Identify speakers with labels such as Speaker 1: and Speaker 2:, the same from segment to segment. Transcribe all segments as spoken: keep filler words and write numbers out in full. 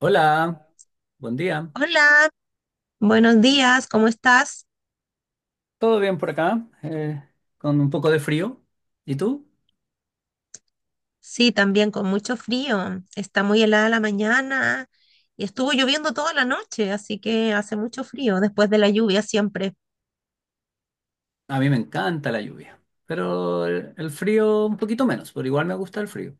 Speaker 1: Hola, buen día.
Speaker 2: Hola, buenos días, ¿cómo estás?
Speaker 1: ¿Todo bien por acá? Eh, con un poco de frío. ¿Y tú?
Speaker 2: Sí, también con mucho frío. Está muy helada la mañana y estuvo lloviendo toda la noche, así que hace mucho frío después de la lluvia siempre.
Speaker 1: A mí me encanta la lluvia, pero el, el frío un poquito menos, pero igual me gusta el frío.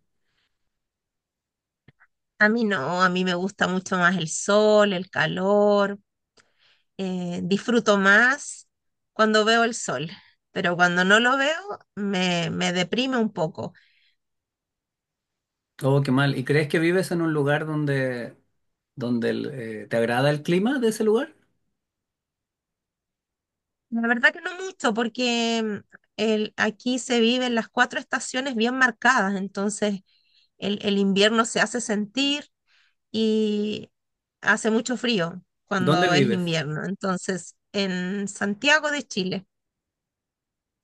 Speaker 2: A mí no, a mí me gusta mucho más el sol, el calor. Eh, disfruto más cuando veo el sol, pero cuando no lo veo me, me deprime un poco.
Speaker 1: Oh, qué mal. ¿Y crees que vives en un lugar donde, donde el, eh, te agrada el clima de ese lugar?
Speaker 2: La verdad que no mucho, porque mm, el, aquí se viven las cuatro estaciones bien marcadas, entonces el, el invierno se hace sentir y hace mucho frío
Speaker 1: ¿Dónde
Speaker 2: cuando es
Speaker 1: vives?
Speaker 2: invierno. Entonces, en Santiago de Chile,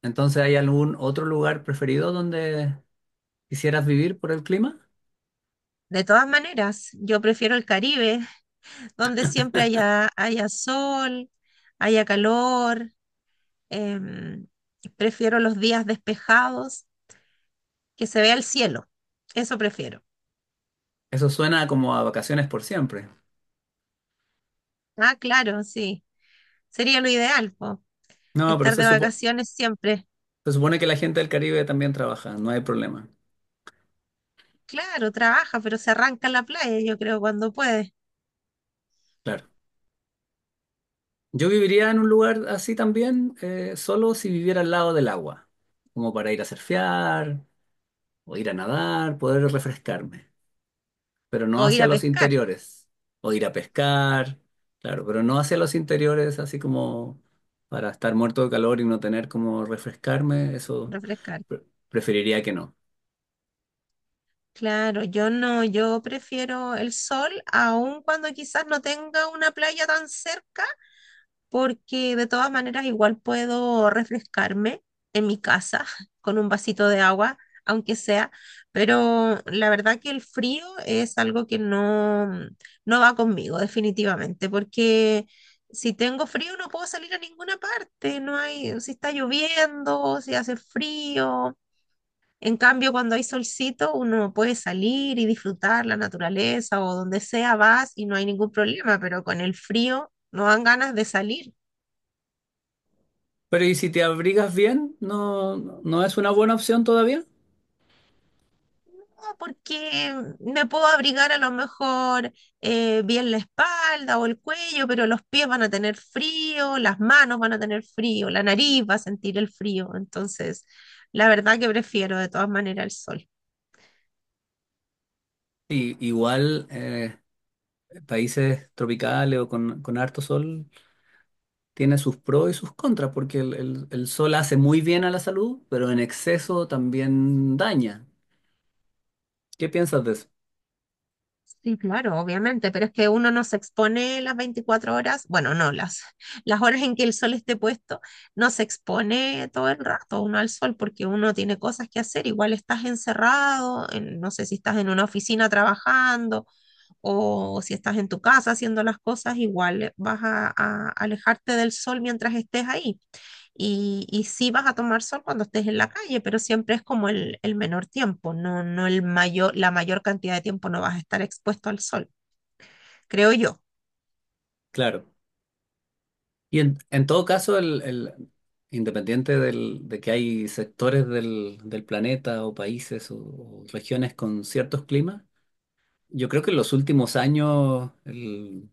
Speaker 1: Entonces, ¿hay algún otro lugar preferido donde quisieras vivir por el clima?
Speaker 2: de todas maneras, yo prefiero el Caribe, donde siempre haya, haya sol, haya calor, em, prefiero los días despejados, que se vea el cielo, eso prefiero.
Speaker 1: Eso suena como a vacaciones por siempre.
Speaker 2: Ah, claro, sí. Sería lo ideal, po,
Speaker 1: No, pero
Speaker 2: estar
Speaker 1: se
Speaker 2: de
Speaker 1: supo-
Speaker 2: vacaciones siempre.
Speaker 1: se supone que la gente del Caribe también trabaja, no hay problema.
Speaker 2: Claro, trabaja, pero se arranca en la playa, yo creo, cuando puede.
Speaker 1: Claro. Yo viviría en un lugar así también, eh, solo si viviera al lado del agua, como para ir a surfear o ir a nadar, poder refrescarme, pero no
Speaker 2: O ir
Speaker 1: hacia
Speaker 2: a
Speaker 1: los
Speaker 2: pescar,
Speaker 1: interiores, o ir a pescar, claro, pero no hacia los interiores, así como para estar muerto de calor y no tener como refrescarme, eso
Speaker 2: refrescar.
Speaker 1: pre- preferiría que no.
Speaker 2: Claro, yo no, yo prefiero el sol, aun cuando quizás no tenga una playa tan cerca, porque de todas maneras igual puedo refrescarme en mi casa con un vasito de agua, aunque sea, pero la verdad que el frío es algo que no, mm, no va conmigo definitivamente, porque si tengo frío no puedo salir a ninguna parte, no hay, si está lloviendo, si hace frío. En cambio, cuando hay solcito, uno puede salir y disfrutar la naturaleza o donde sea vas y no hay ningún problema, pero con el frío no dan ganas de salir.
Speaker 1: Pero ¿y si te abrigas bien? ¿No, no es una buena opción todavía?
Speaker 2: No, porque mm, me puedo abrigar a lo mejor eh, bien la espalda o el cuello, pero los pies van a tener frío, las manos van a tener frío, la nariz va a sentir el frío. Entonces, la verdad que prefiero de todas maneras el sol.
Speaker 1: Y, igual, eh, países tropicales o con, con harto sol. Tiene sus pros y sus contras, porque el, el- el sol hace muy bien a la salud, pero en exceso también daña. ¿Qué piensas de eso?
Speaker 2: Sí, claro, obviamente, pero es que uno no se expone las veinticuatro horas, bueno, no, las, las horas en que el sol esté puesto, no se expone todo el rato uno al sol porque uno tiene cosas que hacer, igual estás encerrado, en- no sé si estás en una oficina trabajando o si estás en tu casa haciendo las cosas, igual vas a, a alejarte del sol mientras estés ahí. Y, y sí vas a tomar sol cuando estés en la calle, pero siempre es como el, el menor tiempo, no, no el mayor, la mayor cantidad de tiempo no vas a estar expuesto al sol, creo yo.
Speaker 1: Claro. Y en, en todo caso, el, el- independiente del- de que hay sectores del, del planeta o países o, o regiones con ciertos climas, yo creo que en los últimos años el,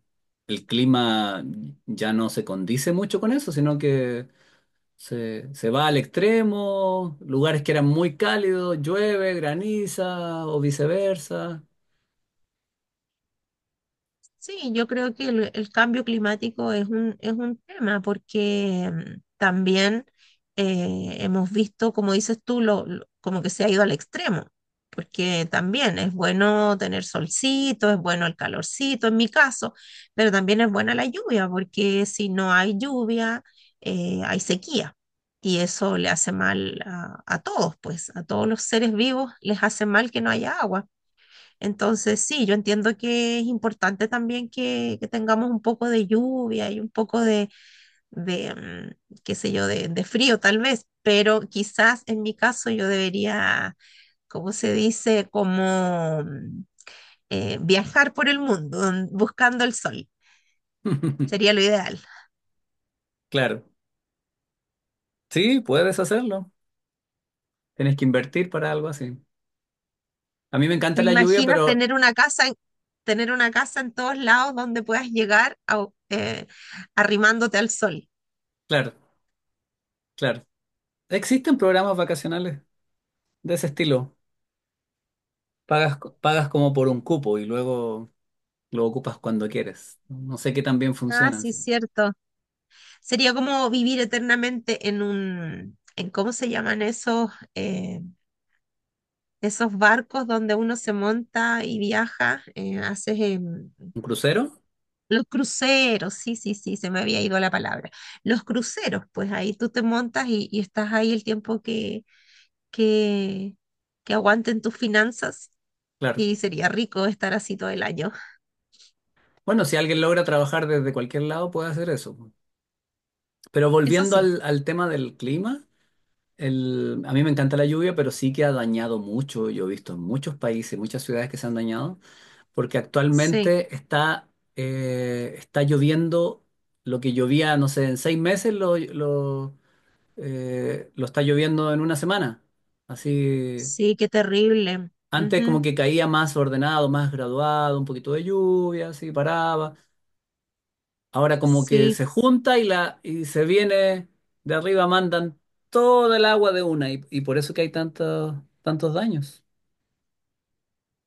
Speaker 1: el clima ya no se condice mucho con eso, sino que Se, se va al extremo, lugares que eran muy cálidos, llueve, graniza o viceversa.
Speaker 2: Sí, yo creo que el, el cambio climático es un, es un tema porque mm, también eh, hemos visto, como dices tú, lo, lo- como que se ha ido al extremo, porque también es bueno tener solcito, es bueno el calorcito en mi caso, pero también es buena la lluvia, porque si no hay lluvia, eh, hay sequía y eso le hace mal a, a todos, pues a todos los seres vivos les hace mal que no haya agua. Entonces, sí, yo entiendo que es importante también que, que tengamos un poco de lluvia y un poco de, de, mm, qué sé yo, de, de frío tal vez, pero quizás en mi caso yo debería, ¿cómo se dice? Como mm, eh, viajar por el mundo mm, buscando el sol. Sería lo ideal.
Speaker 1: Claro, sí, puedes hacerlo. Tienes que invertir para algo así. A mí me
Speaker 2: Mm,
Speaker 1: encanta
Speaker 2: ¿te
Speaker 1: la lluvia,
Speaker 2: imaginas
Speaker 1: pero
Speaker 2: tener una casa, en- tener una casa en todos lados donde puedas llegar a- eh, arrimándote al sol?
Speaker 1: claro, claro. Existen programas vacacionales de ese estilo. Pagas, co- pagas como por un cupo y luego lo ocupas cuando quieres. No sé qué tan bien
Speaker 2: Ah,
Speaker 1: funcionan,
Speaker 2: sí,
Speaker 1: sí.
Speaker 2: cierto. Sería como vivir eternamente en un, en cómo se llaman esos, eh, esos barcos donde uno se monta y viaja, eh, haces em,
Speaker 1: ¿Un crucero?
Speaker 2: Los cruceros, sí, sí, sí, se me había ido la palabra. Los cruceros, pues ahí tú te montas y, y estás ahí el tiempo que, que, que aguanten tus finanzas
Speaker 1: Claro.
Speaker 2: y sería rico estar así todo el año.
Speaker 1: Bueno, si alguien logra trabajar desde cualquier lado, puede hacer eso. Pero
Speaker 2: Eso
Speaker 1: volviendo
Speaker 2: sí,
Speaker 1: al, al tema del clima. El, a mí me encanta la lluvia, pero sí que ha dañado mucho. Yo he visto en muchos países, muchas ciudades que se han dañado, porque
Speaker 2: sí,
Speaker 1: actualmente está, eh, está lloviendo lo que llovía, no sé, en seis meses lo, lo, eh, lo está lloviendo en una semana. Así,
Speaker 2: sí, qué terrible.
Speaker 1: antes como
Speaker 2: Ujú.
Speaker 1: que caía más ordenado, más graduado, un poquito de lluvia, así paraba. Ahora como que
Speaker 2: Sí.
Speaker 1: se junta y, la, y se viene de arriba, mandan toda el agua de una y, y por eso que hay tantos, tantos daños.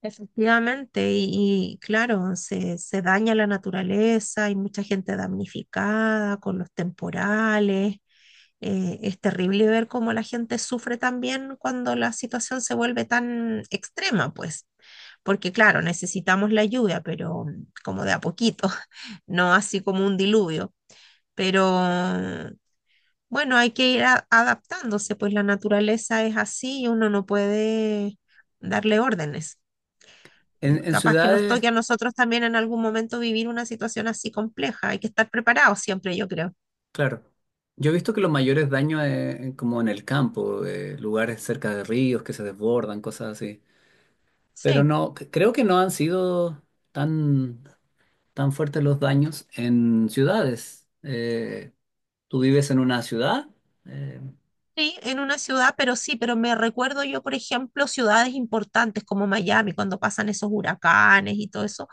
Speaker 2: Efectivamente, y, y claro, se, se daña la naturaleza, hay mucha gente damnificada con los temporales. Eh, es terrible ver cómo la gente sufre también cuando la situación se vuelve tan extrema, pues, porque claro, necesitamos la lluvia, pero mm, como de a poquito, no así como un diluvio, pero bueno, hay que ir a- adaptándose, pues la naturaleza es así y uno no puede darle órdenes.
Speaker 1: En, en
Speaker 2: Capaz que nos
Speaker 1: ciudades,
Speaker 2: toque a nosotros también en algún momento vivir una situación así compleja. Hay que estar preparados siempre, yo creo.
Speaker 1: claro, yo he visto que los mayores daños eh, en- como en el campo, eh, lugares cerca de ríos que se desbordan, cosas así. Pero
Speaker 2: Sí,
Speaker 1: no, c- creo que no han sido tan, tan fuertes los daños en ciudades. Eh, ¿tú vives en una ciudad? Eh,
Speaker 2: sí, en una ciudad, pero sí, pero me recuerdo yo, por ejemplo, ciudades importantes como Miami, cuando pasan esos huracanes y todo eso,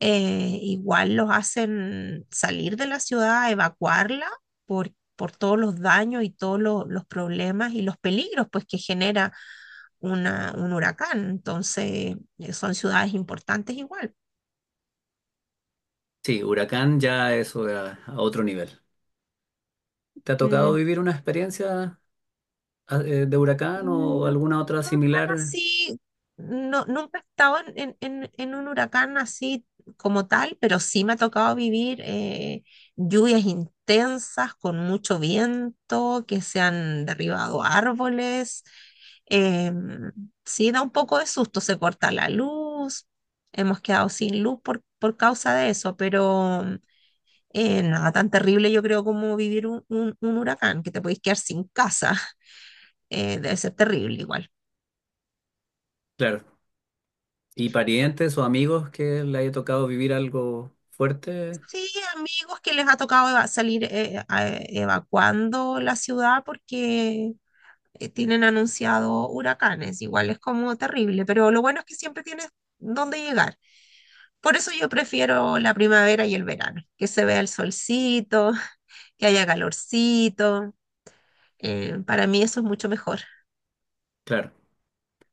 Speaker 2: eh, igual los hacen salir de la ciudad, evacuarla por, por todos los daños y todos lo- los problemas y los peligros pues, que genera una, un huracán. Entonces, eh, son ciudades importantes igual.
Speaker 1: sí, huracán ya eso a a otro nivel. ¿Te ha tocado
Speaker 2: Mm.
Speaker 1: vivir una experiencia ah, eh, de huracán o
Speaker 2: No,
Speaker 1: alguna otra
Speaker 2: no tan
Speaker 1: similar?
Speaker 2: así, no, nunca he estado en, en- en- en un huracán así como tal, pero sí me ha tocado vivir eh, lluvias intensas con mucho viento, que se han derribado árboles. em, sí, da un poco de susto, se corta la luz, hemos quedado sin luz por, por causa de eso, pero eh, nada tan terrible yo creo como vivir un, un- un huracán, que te podéis quedar sin casa, eh, debe ser terrible igual.
Speaker 1: Claro. ¿Y parientes o amigos que le haya tocado vivir algo fuerte?
Speaker 2: Sí, amigos que les ha tocado eva- salir eh, a- evacuando la ciudad porque eh, tienen anunciado huracanes. Igual es como terrible, pero lo bueno es que siempre tienes dónde llegar. Por eso yo prefiero la primavera y el verano, que se vea el solcito, que haya calorcito. Eh, para mí eso es mucho mejor.
Speaker 1: Claro.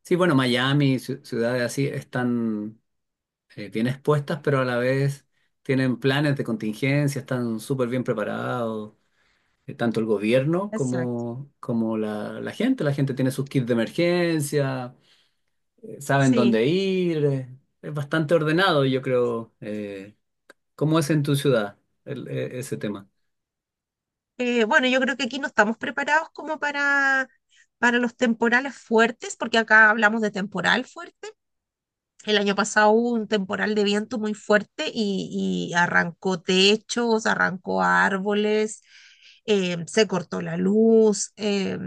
Speaker 1: Sí, bueno, Miami, ci- ciudades así, están eh, bien expuestas, pero a la vez tienen planes de contingencia, están súper bien preparados, eh, tanto el gobierno
Speaker 2: Exacto.
Speaker 1: como, como la, la gente. La gente tiene sus kits de emergencia, eh, saben
Speaker 2: Sí.
Speaker 1: dónde ir, eh, es bastante ordenado, yo creo. eh, ¿Cómo es en tu ciudad el- e- ese tema?
Speaker 2: Eh, bueno, yo creo que aquí no estamos preparados como para, para los temporales fuertes, porque acá hablamos de temporal fuerte. El año pasado hubo un temporal de viento muy fuerte y, y arrancó techos, arrancó árboles, eh, se cortó la luz. eh,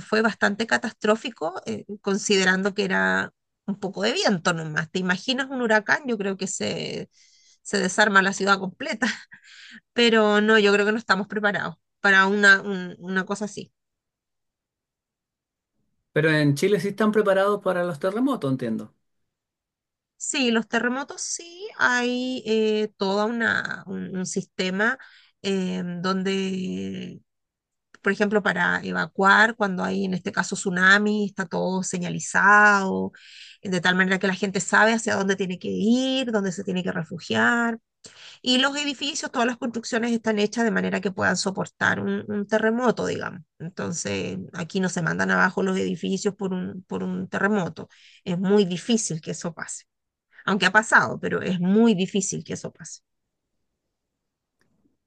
Speaker 2: Fue bastante catastrófico, eh, considerando que era un poco de viento nomás. ¿Te imaginas un huracán? Yo creo que se, se desarma la ciudad completa. Pero no, yo creo que no estamos preparados para una, un- una cosa así.
Speaker 1: Pero en Chile sí están preparados para los terremotos, entiendo.
Speaker 2: Sí, los terremotos sí, hay eh, toda una, un, un sistema eh, donde, por ejemplo, para evacuar, cuando hay en este caso tsunami, está todo señalizado, de tal manera que la gente sabe hacia dónde tiene que ir, dónde se tiene que refugiar. Y los edificios, todas las construcciones están hechas de manera que puedan soportar un, un terremoto, digamos. Entonces, aquí no se mandan abajo los edificios por un, por un terremoto. Es muy difícil que eso pase aunque ha pasado, pero es muy difícil que eso pase.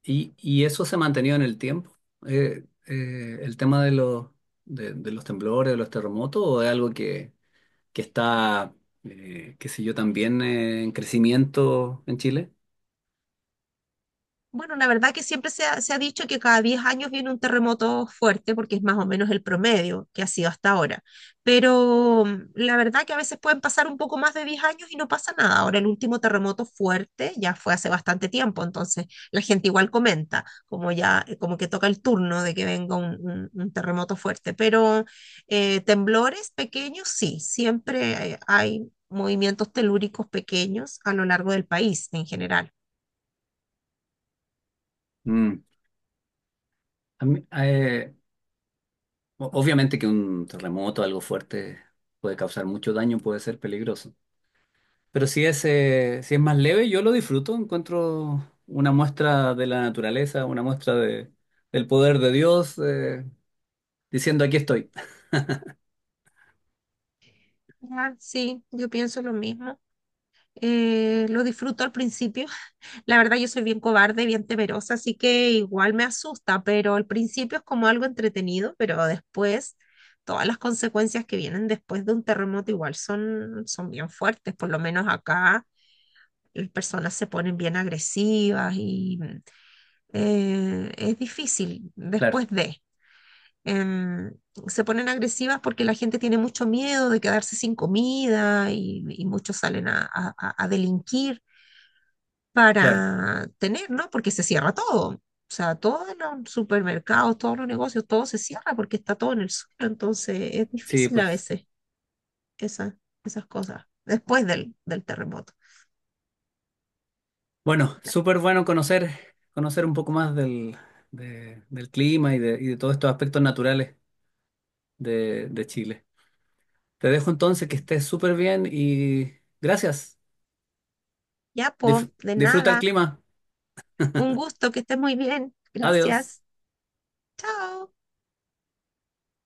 Speaker 1: Y, y eso se ha mantenido en el tiempo. Eh, eh, el tema de los, de, de los temblores, de los terremotos, o es algo que, que está, eh, qué sé yo, también eh, en crecimiento en Chile.
Speaker 2: Bueno, la verdad que siempre se ha, se ha dicho que cada diez años viene un terremoto fuerte porque es más o menos el promedio que ha sido hasta ahora. Pero mm, la verdad que a veces pueden pasar un poco más de diez años y no pasa nada. Ahora el último terremoto fuerte ya fue hace bastante tiempo, entonces la gente igual comenta, como ya, eh, como que toca el turno de que venga un, un- un terremoto fuerte. Pero eh, temblores pequeños, sí, siempre eh, hay movimientos telúricos pequeños a lo largo del país en general.
Speaker 1: Mm. A mí- eh, o- obviamente que un terremoto, algo fuerte, puede causar mucho daño, puede ser peligroso. Pero si es, eh, si es más leve, yo lo disfruto, encuentro una muestra de la naturaleza, una muestra de, del poder de Dios, eh, diciendo aquí estoy.
Speaker 2: Ah, sí, yo pienso lo mismo. Eh, lo disfruto al principio. La verdad, yo soy bien cobarde, bien temerosa, así que igual me asusta, pero al principio es como algo entretenido, pero después todas las consecuencias que vienen después de un terremoto igual son, son bien fuertes. Por lo menos acá las personas se ponen bien agresivas y mm, eh, es difícil
Speaker 1: Claro,
Speaker 2: después de em, se ponen agresivas porque la gente tiene mucho miedo de quedarse sin comida y, y muchos salen a, a- a- a delinquir
Speaker 1: claro.
Speaker 2: para tener, ¿no? Porque se cierra todo. O sea, todos los supermercados, todos los negocios, todo se cierra porque está todo en el suelo. Entonces es
Speaker 1: Sí,
Speaker 2: difícil a
Speaker 1: pues.
Speaker 2: veces esa- esas cosas después del, del terremoto.
Speaker 1: Bueno,
Speaker 2: No.
Speaker 1: súper bueno conocer, conocer un poco más del, de- del clima y de, y de todos estos aspectos naturales de, de Chile. Te dejo entonces que estés súper bien y gracias.
Speaker 2: Ya, po,
Speaker 1: Dif-
Speaker 2: de
Speaker 1: disfruta el
Speaker 2: nada.
Speaker 1: clima.
Speaker 2: Un gusto, que estés muy bien.
Speaker 1: Adiós.
Speaker 2: Gracias. Chao.